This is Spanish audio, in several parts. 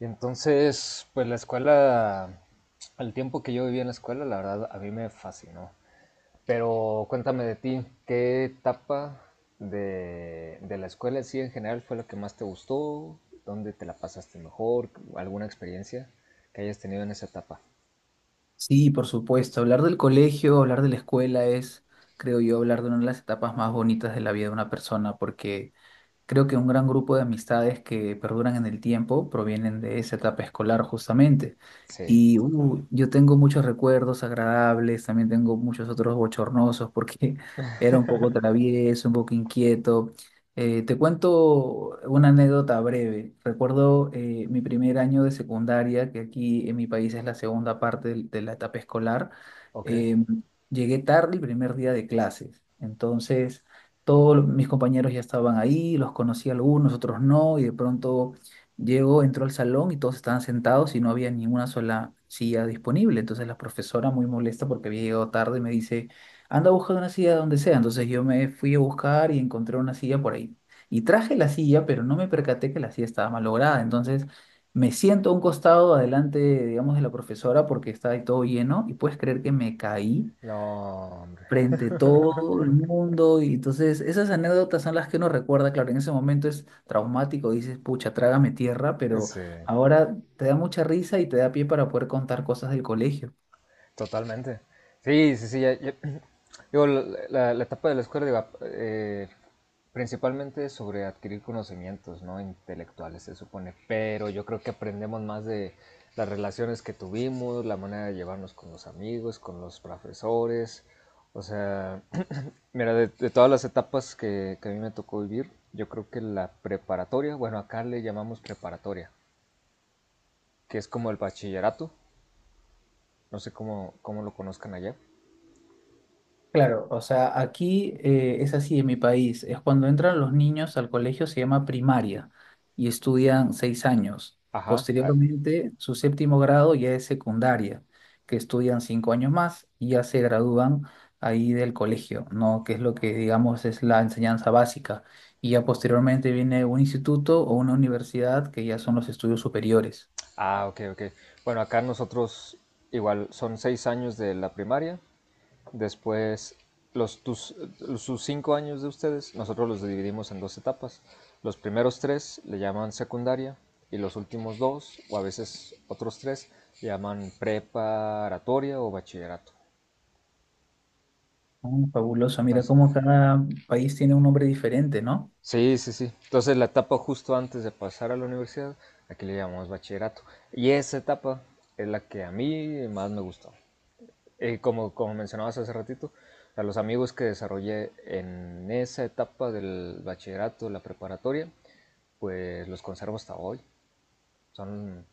Y entonces, pues la escuela, el tiempo que yo viví en la escuela, la verdad, a mí me fascinó. Pero cuéntame de ti, ¿qué etapa de la escuela en sí en general fue la que más te gustó? ¿Dónde te la pasaste mejor? ¿Alguna experiencia que hayas tenido en esa etapa? Sí, por supuesto. Hablar del colegio, hablar de la escuela es, creo yo, hablar de una de las etapas más bonitas de la vida de una persona, porque creo que un gran grupo de amistades que perduran en el tiempo provienen de esa etapa escolar justamente. Sí, Y yo tengo muchos recuerdos agradables, también tengo muchos otros bochornosos porque era un poco travieso, un poco inquieto. Te cuento una anécdota breve. Recuerdo mi primer año de secundaria, que aquí en mi país es la segunda parte de la etapa escolar. ok. Em, Llegué tarde el primer día de clases. Entonces, todos mis compañeros ya estaban ahí, los conocí algunos, otros no, y de pronto llegó, entró al salón y todos estaban sentados y no había ninguna sola silla disponible. Entonces la profesora, muy molesta porque había llegado tarde, me dice, anda a buscar una silla donde sea. Entonces yo me fui a buscar y encontré una silla por ahí. Y traje la silla, pero no me percaté que la silla estaba malograda. Entonces me siento a un costado adelante, digamos, de la profesora porque estaba ahí todo lleno y puedes creer que me caí No, hombre. frente a todo el mundo. Y entonces esas anécdotas son las que uno recuerda, claro, en ese momento es traumático, dices, pucha, trágame tierra, pero Ese, ahora te da mucha risa y te da pie para poder contar cosas del colegio. totalmente. Sí, sí, sí. Digo, la etapa de la escuela, digo, principalmente sobre adquirir conocimientos, ¿no? Intelectuales, se supone. Pero yo creo que aprendemos más de las relaciones que tuvimos, la manera de llevarnos con los amigos, con los profesores. O sea, mira, de todas las etapas que a mí me tocó vivir, yo creo que la preparatoria, bueno, acá le llamamos preparatoria, que es como el bachillerato. No sé cómo, cómo lo conozcan allá. Claro, o sea, aquí es así en mi país, es cuando entran los niños al colegio se llama primaria y estudian 6 años. Ajá, Posteriormente, su séptimo grado ya es secundaria, que estudian 5 años más y ya se gradúan ahí del colegio, ¿no? Que es lo que digamos es la enseñanza básica. Y ya posteriormente viene un instituto o una universidad que ya son los estudios superiores. ah, ok, ok. Bueno, acá nosotros igual son 6 años de la primaria, después los, tus- sus 5 años de ustedes, nosotros los dividimos en dos etapas. Los primeros tres le llaman secundaria y los últimos dos, o a veces otros tres, le llaman preparatoria o bachillerato. Ah, fabuloso, mira Entonces, cómo cada país tiene un nombre diferente, ¿no? sí, sí, sí. Entonces la etapa justo antes de pasar a la universidad, aquí le llamamos bachillerato. Y esa etapa es la que a mí más me gustó. Como, como mencionabas hace ratito, a los amigos que desarrollé en esa etapa del bachillerato, la preparatoria, pues los conservo hasta hoy. Son,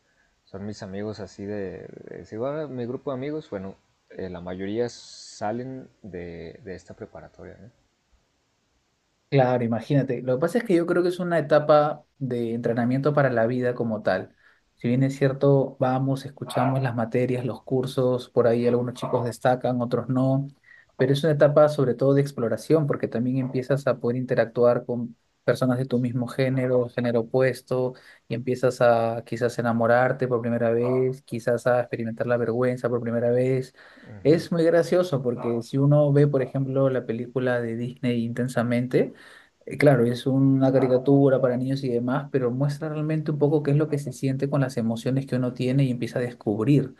son mis amigos así si va mi grupo de amigos, bueno, la mayoría salen de esta preparatoria, ¿no? Claro, imagínate. Lo que pasa es que yo creo que es una etapa de entrenamiento para la vida como tal. Si bien es cierto, vamos, escuchamos las materias, los cursos, por ahí algunos chicos destacan, otros no, pero es una etapa sobre todo de exploración, porque también empiezas a poder interactuar con personas de tu mismo género, género opuesto, y empiezas a quizás enamorarte por primera vez, quizás a experimentar la vergüenza por primera vez. Es muy gracioso porque si uno ve, por ejemplo, la película de Disney Intensamente, claro, es una caricatura para niños y demás, pero muestra realmente un poco qué es lo que se siente con las emociones que uno tiene y empieza a descubrir.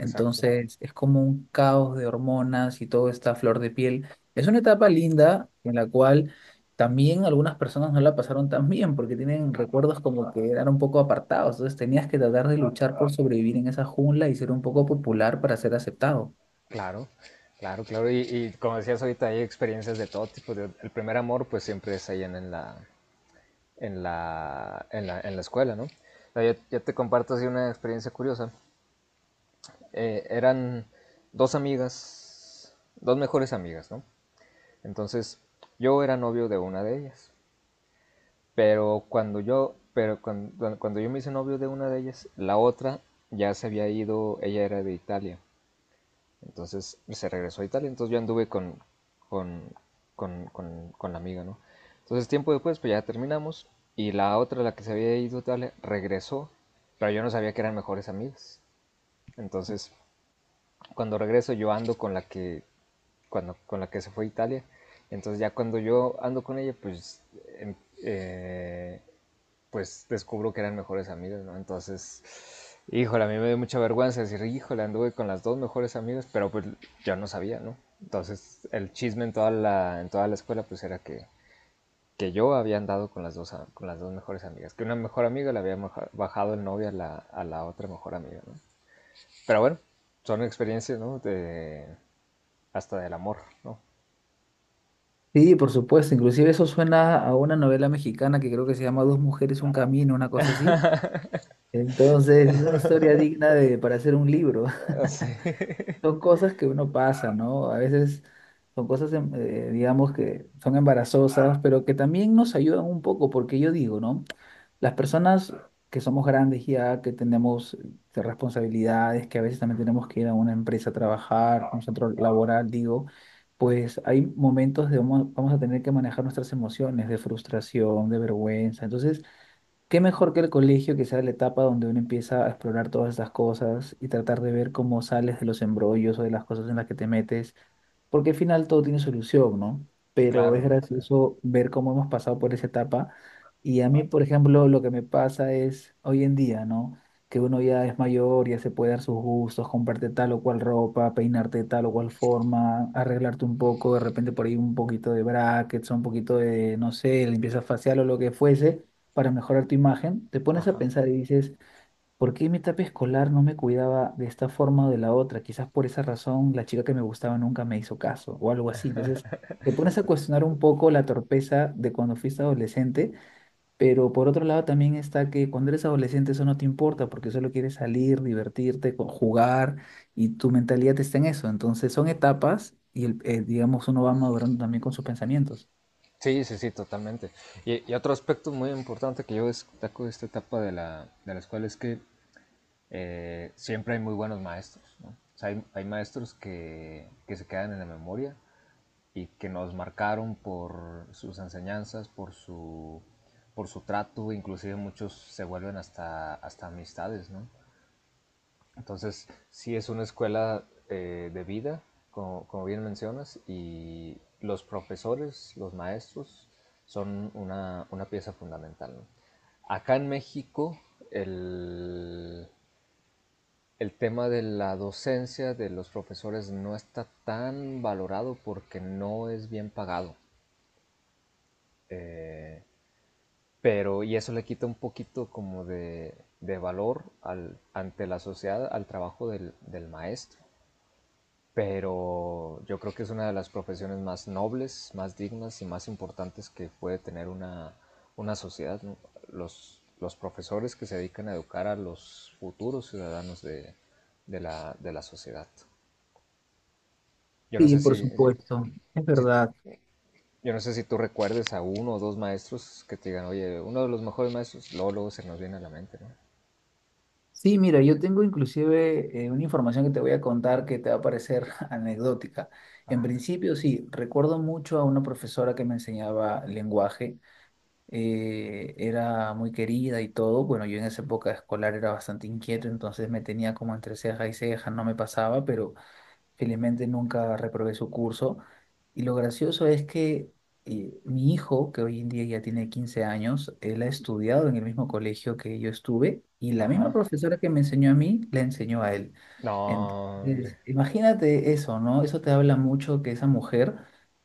Exacto, es como un caos de hormonas y todo está a flor de piel. Es una etapa linda en la cual también algunas personas no la pasaron tan bien porque tienen recuerdos como que eran un poco apartados. Entonces, tenías que tratar de luchar por sobrevivir en esa jungla y ser un poco popular para ser aceptado. claro, claro, claro. Y como decías ahorita, hay experiencias de todo tipo. El primer amor pues siempre es allá en la escuela, ¿no? Yo te comparto así una experiencia curiosa. Eran dos amigas, dos mejores amigas, ¿no? Entonces, yo era novio de una de ellas, pero cuando yo me hice novio de una de ellas, la otra ya se había ido, ella era de Italia. Entonces se regresó a Italia, entonces yo anduve con, con la amiga, ¿no? Entonces tiempo después, pues ya terminamos y la otra, la que se había ido a Italia, regresó, pero yo no sabía que eran mejores amigas. Entonces cuando regreso yo ando con la que se fue a Italia, entonces ya cuando yo ando con ella, pues em- eh, pues descubro que eran mejores amigas, ¿no? Entonces, híjole, a mí me dio mucha vergüenza decir, híjole, anduve con las dos mejores amigas, pero pues yo no sabía, ¿no? Entonces, el chisme en toda la escuela pues era que yo había andado con las dos mejores amigas, que una mejor amiga le había bajado el novio a la otra mejor amiga, ¿no? Pero bueno, son experiencias, ¿no? De, hasta del amor, ¿no? Sí, por supuesto. Inclusive eso suena a una novela mexicana que creo que se llama Dos mujeres, un camino, una cosa así. Entonces, es una historia digna de, para hacer un libro. Sí. Son cosas que uno pasa, ¿no? A veces son cosas, digamos, que son embarazosas, pero que también nos ayudan un poco, porque yo digo, ¿no? Las personas que somos grandes ya, que tenemos responsabilidades, que a veces también tenemos que ir a una empresa a trabajar, a un centro laboral, digo, pues hay momentos de vamos, vamos a tener que manejar nuestras emociones de frustración, de vergüenza. Entonces, qué mejor que el colegio, que sea la etapa donde uno empieza a explorar todas esas cosas y tratar de ver cómo sales de los embrollos o de las cosas en las que te metes, porque al final todo tiene solución, ¿no? Pero es Claro. gracioso ver cómo hemos pasado por esa etapa. Y a mí, por ejemplo, lo que me pasa es hoy en día, ¿no? Que uno ya es mayor, ya se puede dar sus gustos, comprarte tal o cual ropa, peinarte de tal o cual forma, arreglarte un poco, de repente por ahí un poquito de brackets, o un poquito de, no sé, limpieza facial o lo que fuese para mejorar tu imagen, te pones a Ajá. pensar y dices, ¿por qué en mi etapa escolar no me cuidaba de esta forma o de la otra? Quizás por esa razón la chica que me gustaba nunca me hizo caso o algo así. Entonces, te pones a cuestionar un poco la torpeza de cuando fuiste adolescente, pero por otro lado también está que cuando eres adolescente eso no te importa porque solo quieres salir, divertirte, jugar y tu mentalidad está en eso. Entonces, son etapas y, digamos, uno va madurando también con sus pensamientos. Sí, sí, sí, totalmente. Y otro aspecto muy importante que yo destaco de esta etapa de la escuela es que siempre hay muy buenos maestros, ¿no? O sea, hay maestros que se quedan en la memoria y que nos marcaron por sus enseñanzas, por su trato, inclusive muchos se vuelven hasta, hasta amistades, ¿no? Entonces, sí es una escuela de vida, como, como bien mencionas, y los profesores, los maestros, son una pieza fundamental, ¿no? Acá en México, el, el tema de la docencia de los profesores no está tan valorado porque no es bien pagado. Eh, pero, y eso le quita un poquito como de valor al, ante la sociedad al trabajo del, del maestro. Pero yo creo que es una de las profesiones más nobles, más dignas y más importantes que puede tener una sociedad, ¿no? Los profesores que se dedican a educar a los futuros ciudadanos de la sociedad. Yo no Sí, sé por si, supuesto, es si- verdad. yo no sé si tú recuerdes a uno o dos maestros que te digan, oye, uno de los mejores maestros, luego, luego se nos viene a la mente, ¿no? Sí, mira, yo tengo inclusive una información que te voy a contar que te va a parecer anecdótica. En Ajá, principio, sí, recuerdo mucho a una profesora que me enseñaba lenguaje. Eh, era muy querida y todo. Bueno, yo en esa época escolar era bastante inquieto, entonces me tenía como entre ceja y ceja, no me pasaba, pero felizmente nunca reprobé su curso. Y lo gracioso es que mi hijo, que hoy en día ya tiene 15 años, él ha estudiado en el mismo colegio que yo estuve y la misma ajá. profesora que me enseñó a mí, la enseñó a él. No, hombre. Entonces, imagínate eso, ¿no? Eso te habla mucho que esa mujer,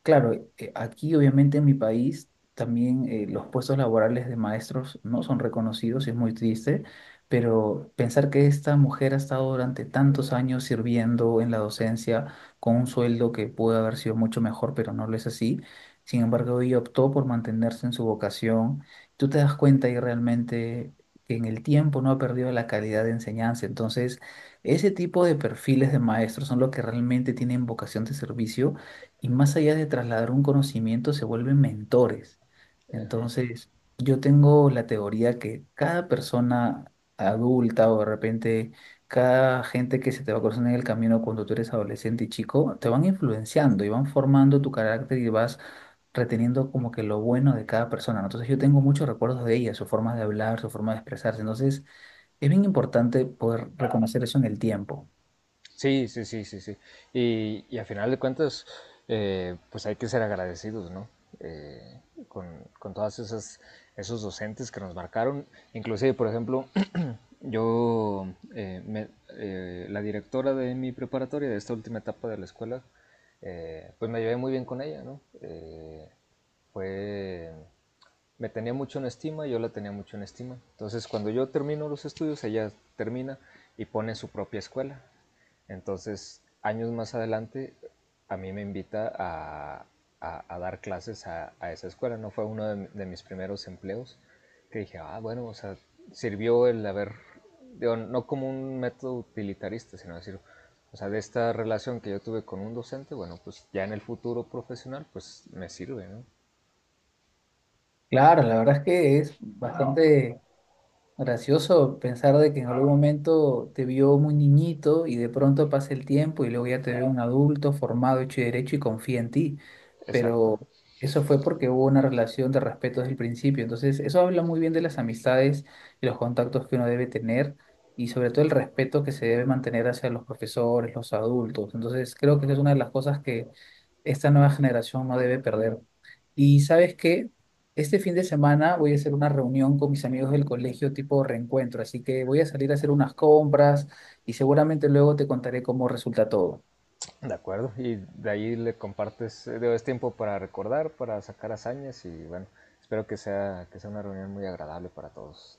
claro, aquí obviamente en mi país también los puestos laborales de maestros no son reconocidos, y es muy triste, pero pensar que esta mujer ha estado durante tantos años sirviendo en la docencia con un sueldo que pudo haber sido mucho mejor, pero no lo es así. Sin embargo, ella optó por mantenerse en su vocación. Tú te das cuenta y realmente que en el tiempo no ha perdido la calidad de enseñanza. Entonces, ese tipo de perfiles de maestros son los que realmente tienen vocación de servicio y más allá de trasladar un conocimiento, se vuelven mentores. Entonces, yo tengo la teoría que cada persona adulta o de repente cada gente que se te va cruzando en el camino cuando tú eres adolescente y chico, te van influenciando y van formando tu carácter y vas reteniendo como que lo bueno de cada persona, ¿no? Entonces yo tengo muchos recuerdos de ella, su forma de hablar, su forma de expresarse, entonces es bien importante poder reconocer eso en el tiempo. Sí, sí, sí, sí, sí. Y a final de cuentas, pues hay que ser agradecidos, ¿no? Eh, con, con todas esas, esos docentes que nos marcaron. Inclusive, por ejemplo, yo, eh, me- la directora de mi preparatoria, de esta última etapa de la escuela, pues me llevé muy bien con ella, ¿no? Fue Me tenía mucho en estima, yo la tenía mucho en estima. Entonces, cuando yo termino los estudios, ella termina y pone su propia escuela. Entonces, años más adelante, a mí me invita a dar clases esa escuela. No fue uno de, mis primeros empleos que dije, ah, bueno, o sea, sirvió el haber, digo, no como un método utilitarista, sino decir, o sea, de esta relación que yo tuve con un docente, bueno, pues ya en el futuro profesional, pues me sirve, ¿no? Claro, la verdad es que es bastante gracioso pensar de que en algún momento te vio muy niñito y de pronto pasa el tiempo y luego ya te ve un adulto formado, hecho y derecho y confía en ti. Pero Exacto. eso fue porque hubo una relación de respeto desde el principio. Entonces, eso habla muy bien de las amistades y los contactos que uno debe tener y sobre todo el respeto que se debe mantener hacia los profesores, los adultos. Entonces, creo que esa es una de las cosas que esta nueva generación no debe perder. Y sabes qué, este fin de semana voy a hacer una reunión con mis amigos del colegio tipo reencuentro, así que voy a salir a hacer unas compras y seguramente luego te contaré cómo resulta todo. De acuerdo, y de ahí le compartes, digo, es tiempo para recordar, para sacar hazañas y bueno, espero que sea una reunión muy agradable para todos.